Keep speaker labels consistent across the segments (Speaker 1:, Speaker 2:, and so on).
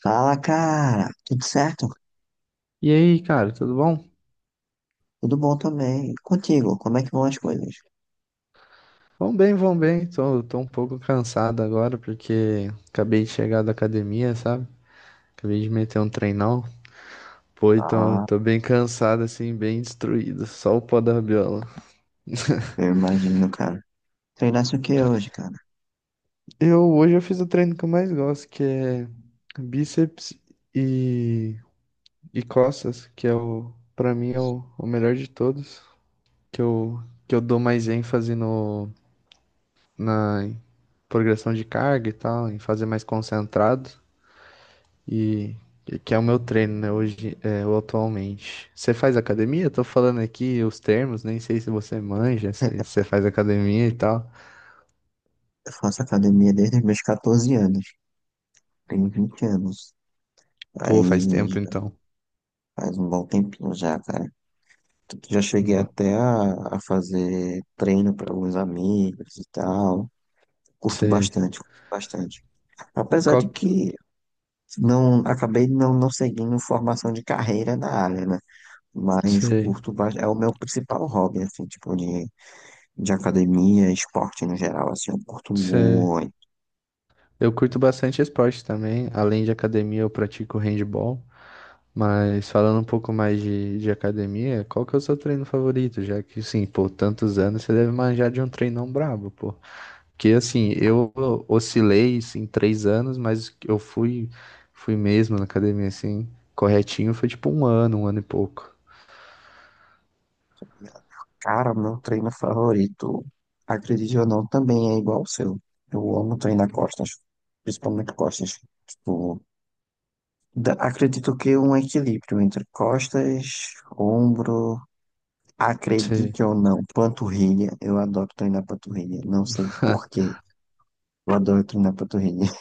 Speaker 1: Fala, cara. Tudo certo?
Speaker 2: E aí, cara, tudo bom?
Speaker 1: Tudo bom também. E contigo, como é que vão as coisas?
Speaker 2: Vão bem, vão bem. Tô um pouco cansado agora porque acabei de chegar da academia, sabe? Acabei de meter um treinão. Pô, então
Speaker 1: Ah,
Speaker 2: tô bem cansado, assim, bem destruído. Só o pó da rabiola.
Speaker 1: eu imagino, cara. Treinasse o que hoje, cara?
Speaker 2: Eu hoje eu fiz o treino que eu mais gosto, que é bíceps e, e costas, que é pra mim é o melhor de todos, que eu, que eu dou mais ênfase no, na progressão de carga e tal, em fazer mais concentrado. E que é o meu treino, né, hoje, é, ou atualmente. Você faz academia? Eu tô falando aqui os termos, nem sei se você manja, se você faz academia e tal.
Speaker 1: Eu faço academia desde os meus 14 anos. Tenho 20 anos.
Speaker 2: Pô, faz tempo
Speaker 1: Aí
Speaker 2: então.
Speaker 1: faz um bom tempinho já, cara. Tanto que já cheguei
Speaker 2: Bom,
Speaker 1: até a fazer treino para alguns amigos e tal. Curto
Speaker 2: Você,
Speaker 1: bastante, curto bastante. Apesar de
Speaker 2: qual,
Speaker 1: que não acabei não seguindo formação de carreira na área, né? Mas
Speaker 2: você,
Speaker 1: curto, é o meu principal hobby, assim, tipo, de academia, esporte no geral, assim, eu curto
Speaker 2: você...
Speaker 1: muito.
Speaker 2: Eu curto bastante esporte também. Além de academia, eu pratico handball. Mas falando um pouco mais de academia, qual que é o seu treino favorito? Já que, sim, pô, tantos anos, você deve manjar de um treinão brabo, pô. Que assim, eu oscilei assim, em três anos, mas eu fui mesmo na academia, assim, corretinho, foi tipo um ano e pouco.
Speaker 1: Cara, meu treino favorito, acredite ou não, também é igual ao seu. Eu amo treinar costas, principalmente costas. Tipo, acredito que um equilíbrio entre costas, ombro,
Speaker 2: Sim.
Speaker 1: acredite ou não, panturrilha. Eu adoro treinar panturrilha, não sei por quê, eu adoro treinar panturrilha.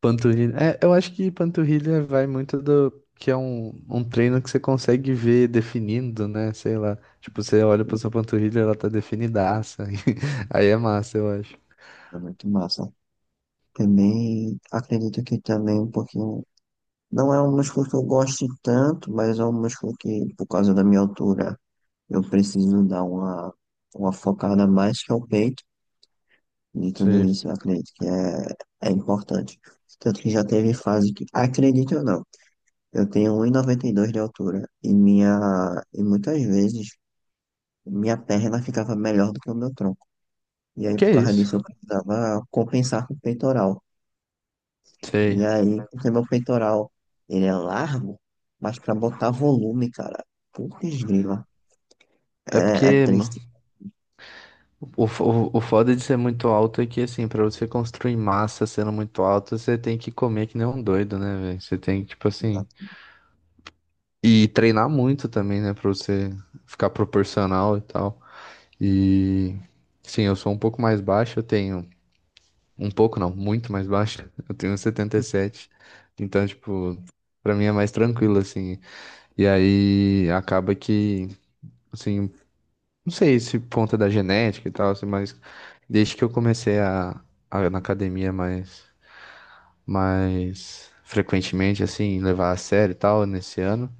Speaker 2: Panturrilha. É, eu acho que panturrilha vai muito do que é um treino que você consegue ver definindo, né? Sei lá. Tipo, você olha pra sua panturrilha, ela tá definidaça. Aí é massa, eu acho.
Speaker 1: É muito massa. Também acredito que também um pouquinho. Não é um músculo que eu goste tanto, mas é um músculo que, por causa da minha altura, eu preciso dar uma focada mais que é o peito. E tudo
Speaker 2: Sei.
Speaker 1: isso eu acredito que é importante. Tanto que já teve fase que, acredite ou não, eu tenho 1,92 de altura e muitas vezes minha perna ficava melhor do que o meu tronco. E aí,
Speaker 2: Que
Speaker 1: por
Speaker 2: é
Speaker 1: causa
Speaker 2: isso?
Speaker 1: disso, eu precisava compensar com o peitoral. E
Speaker 2: Sei.
Speaker 1: aí, porque meu peitoral, ele é largo, mas pra botar volume, cara, putz grila,
Speaker 2: É
Speaker 1: é
Speaker 2: porque
Speaker 1: triste.
Speaker 2: o foda de ser muito alto é que, assim, pra você construir massa sendo muito alto, você tem que comer que nem um doido, né, velho? Você tem que, tipo assim.
Speaker 1: Exato.
Speaker 2: E treinar muito também, né, pra você ficar proporcional e tal. E. Sim, eu sou um pouco mais baixo, eu tenho. Um pouco não, muito mais baixo. Eu tenho 77. Então, tipo, pra mim é mais tranquilo, assim. E aí acaba que. Assim, não sei se ponta da genética e tal, assim, mas desde que eu comecei a ir na academia mais frequentemente, assim, levar a sério e tal, nesse ano,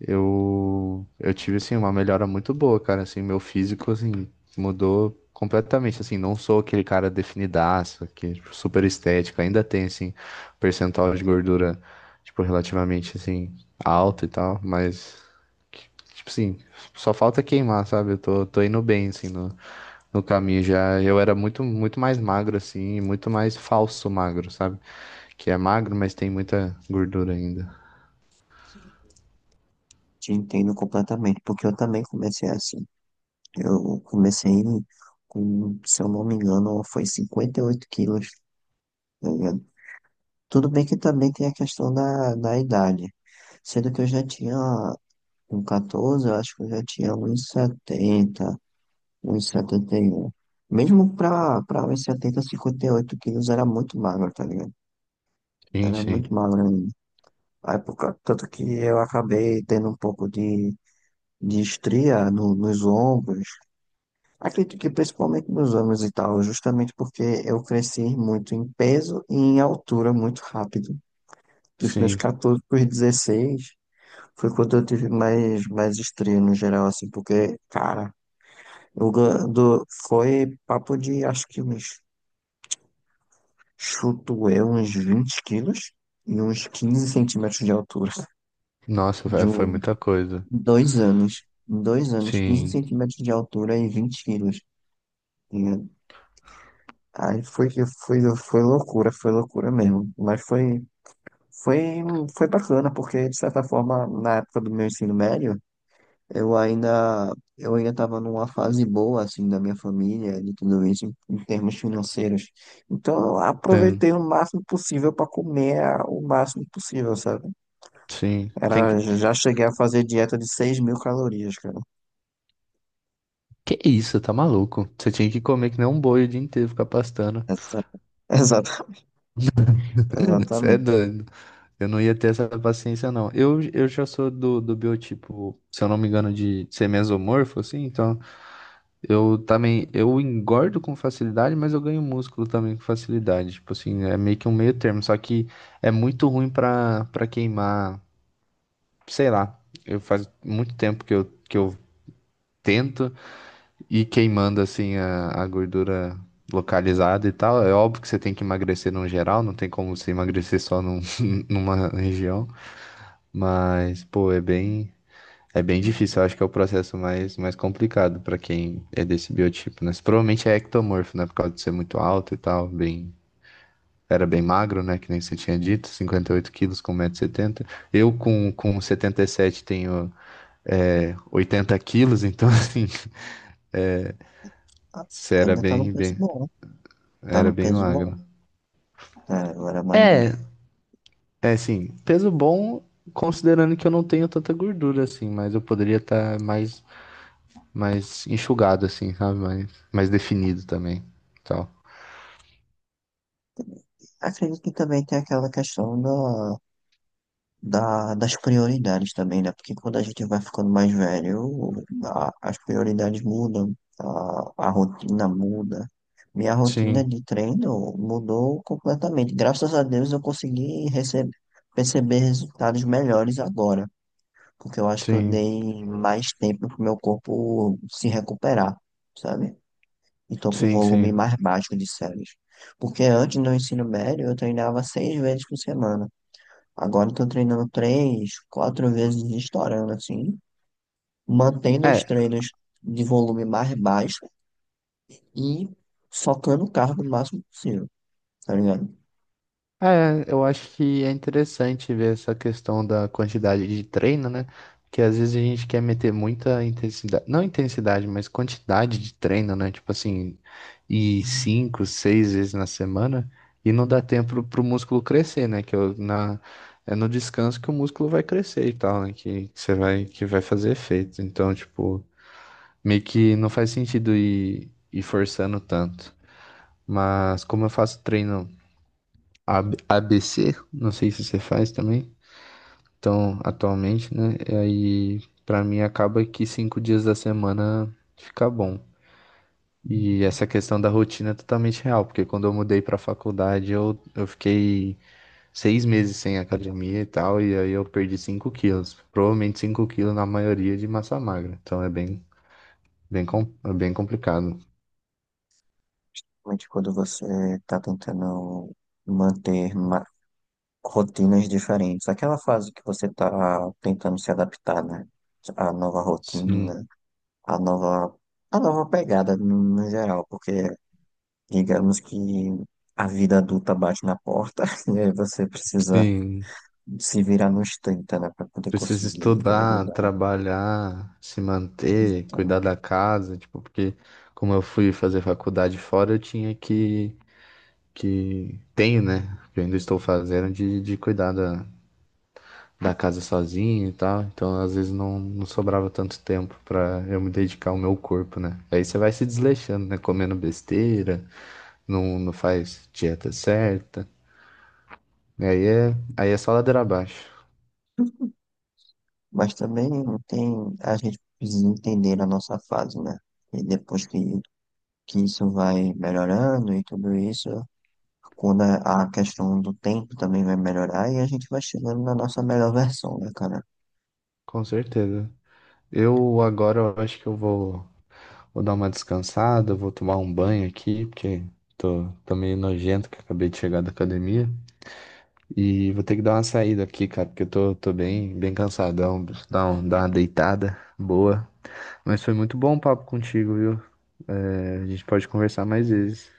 Speaker 2: eu tive, assim, uma melhora muito boa, cara, assim, meu físico, assim, mudou completamente, assim, não sou aquele cara definidaço, que, tipo, super estético, ainda tem, assim, percentual de gordura, tipo, relativamente, assim, alto e tal, mas, que- tipo assim, só falta queimar, sabe, eu tô indo bem, assim, no, no caminho já, eu era muito, muito mais magro, assim, e muito mais falso magro, sabe, que é magro, mas tem muita gordura ainda.
Speaker 1: Te entendo completamente, porque eu também comecei assim. Eu comecei com, se eu não me engano, foi 58 quilos, tá ligado? Tudo bem que também tem a questão da idade. Sendo que eu já tinha, com 14 eu acho que eu já tinha uns 70 um e setenta e um. Mesmo pra 1,70, 58 quilos era muito magro, tá ligado?
Speaker 2: Sim,
Speaker 1: Era muito
Speaker 2: sim.
Speaker 1: magro ainda. Aí, por tanto que eu acabei tendo um pouco de estria nos ombros. Acredito que principalmente nos ombros e tal, justamente porque eu cresci muito em peso e em altura muito rápido. Dos meus
Speaker 2: Sim.
Speaker 1: 14 para os 16 foi quando eu tive mais estria no geral, assim, porque, cara, foi papo de acho que uns Chuto eu uns 20 quilos e uns 15 centímetros de altura.
Speaker 2: Nossa,
Speaker 1: De
Speaker 2: foi muita coisa.
Speaker 1: 2 anos. Em 2 anos, 15
Speaker 2: Sim,
Speaker 1: centímetros de altura e 20 quilos. Tá ligado? Aí foi loucura, foi loucura mesmo. Mas foi, foi bacana, porque de certa forma, na época do meu ensino médio, eu ainda estava numa fase boa, assim, da minha família, de tudo isso, em termos financeiros. Então, eu
Speaker 2: tem,
Speaker 1: aproveitei o máximo possível para comer o máximo possível, sabe?
Speaker 2: sim. Tem que...
Speaker 1: Era, já cheguei a fazer dieta de 6.000 calorias, cara.
Speaker 2: Que isso, tá maluco? Você tinha que comer que nem um boi o dia inteiro, ficar pastando.
Speaker 1: Exa- Exata,
Speaker 2: Você é
Speaker 1: exatamente.
Speaker 2: doido. Eu não ia ter essa paciência, não. Eu já sou do biotipo, se eu não me engano, de ser mesomorfo, assim. Então, eu também, eu engordo com facilidade, mas eu ganho músculo também com facilidade. Tipo assim, é meio que um meio termo. Só que é muito ruim pra queimar, sei lá. Eu faz muito tempo que eu tento. E queimando assim a gordura localizada e tal, é óbvio que você tem que emagrecer no geral, não tem como você emagrecer só num, numa região, mas pô, é bem difícil, eu acho que é o processo mais mais complicado pra quem é desse biotipo, né? Você provavelmente é ectomorfo, né, por causa de ser muito alto e tal, bem era bem magro, né? Que nem você tinha dito, 58 quilos com 170 setenta. Eu, com 77, tenho é, 80 quilos, então, assim,
Speaker 1: Ah,
Speaker 2: você era
Speaker 1: ainda tá num
Speaker 2: bem,
Speaker 1: peso
Speaker 2: bem,
Speaker 1: bom, né? Tá
Speaker 2: era
Speaker 1: num
Speaker 2: bem
Speaker 1: peso bom.
Speaker 2: magro.
Speaker 1: É, eu era magrinho.
Speaker 2: É, é assim, peso bom, considerando que eu não tenho tanta gordura assim, mas eu poderia estar mais, mais enxugado assim, sabe? Mais, mais definido também, tal.
Speaker 1: Acredito que também tem aquela questão das prioridades também, né? Porque quando a gente vai ficando mais velho, as prioridades mudam, a rotina muda. Minha rotina
Speaker 2: Sim,
Speaker 1: de treino mudou completamente. Graças a Deus eu consegui perceber resultados melhores agora, porque eu acho que eu
Speaker 2: sim,
Speaker 1: dei mais tempo pro meu corpo se recuperar, sabe? E tô com um
Speaker 2: sim,
Speaker 1: volume
Speaker 2: sim.
Speaker 1: mais baixo de séries. Porque antes do ensino médio eu treinava 6 vezes por semana. Agora eu tô treinando três, quatro vezes estourando, assim, mantendo os
Speaker 2: É,
Speaker 1: treinos de volume mais baixo e socando o carro o máximo possível, tá ligado?
Speaker 2: é, eu acho que é interessante ver essa questão da quantidade de treino, né? Porque às vezes a gente quer meter muita intensidade, não intensidade, mas quantidade de treino, né? Tipo assim, e 5, 6 vezes na semana, e não dá tempo pro músculo crescer, né? Na, é no descanso que o músculo vai crescer e tal, né? Que você vai, que vai fazer efeito. Então, tipo, meio que não faz sentido ir, ir forçando tanto. Mas como eu faço treino. A- ABC, não sei se você faz também. Então, atualmente, né? E aí, pra mim, acaba que 5 dias da semana fica bom. E essa questão da rotina é totalmente real, porque quando eu mudei pra faculdade, eu fiquei 6 meses sem academia e tal, e aí eu perdi 5 quilos. Provavelmente 5 quilos na maioria de massa magra. Então, é bem, bem, é bem complicado.
Speaker 1: Mas quando você tá tentando manter rotinas diferentes. Aquela fase que você está tentando se adaptar, né? A nova
Speaker 2: Sim,
Speaker 1: rotina, a nova, a nova pegada no geral, porque digamos que a vida adulta bate na porta e aí você precisa
Speaker 2: sim.
Speaker 1: se virar nos 30, né? Para poder
Speaker 2: Precisa
Speaker 1: conseguir
Speaker 2: estudar,
Speaker 1: lidar
Speaker 2: trabalhar, se
Speaker 1: com isso
Speaker 2: manter,
Speaker 1: então.
Speaker 2: cuidar da casa, tipo, porque como eu fui fazer faculdade fora, eu tinha que tenho, né? Que eu ainda estou fazendo de cuidar da casa sozinho e tal. Então, às vezes não, não sobrava tanto tempo para eu me dedicar ao meu corpo, né? Aí você vai se desleixando, né? Comendo besteira, não, não faz dieta certa. Aí é, aí é só ladeira abaixo.
Speaker 1: Mas também tem, a gente precisa entender a nossa fase, né? E depois que isso vai melhorando e tudo isso, quando a questão do tempo também vai melhorar e a gente vai chegando na nossa melhor versão, né, cara?
Speaker 2: Com certeza. Eu agora eu acho que eu vou dar uma descansada, vou tomar um banho aqui, porque tô meio nojento que eu acabei de chegar da academia. E vou ter que dar uma saída aqui, cara, porque eu tô bem, bem cansadão. Preciso dar, um, dar uma deitada boa. Mas foi muito bom o papo contigo, viu? É, a gente pode conversar mais vezes.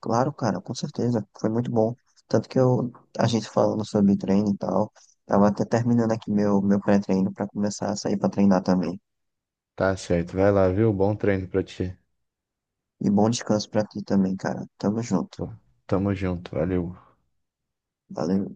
Speaker 1: Claro, cara, com certeza, foi muito bom. Tanto que eu, a gente falando sobre treino e tal, tava até terminando aqui meu pré-treino pra começar a sair pra treinar também.
Speaker 2: Tá certo, vai lá, viu? Bom treino pra ti.
Speaker 1: E bom descanso pra ti também, cara. Tamo junto.
Speaker 2: Bom, tamo junto, valeu.
Speaker 1: Valeu.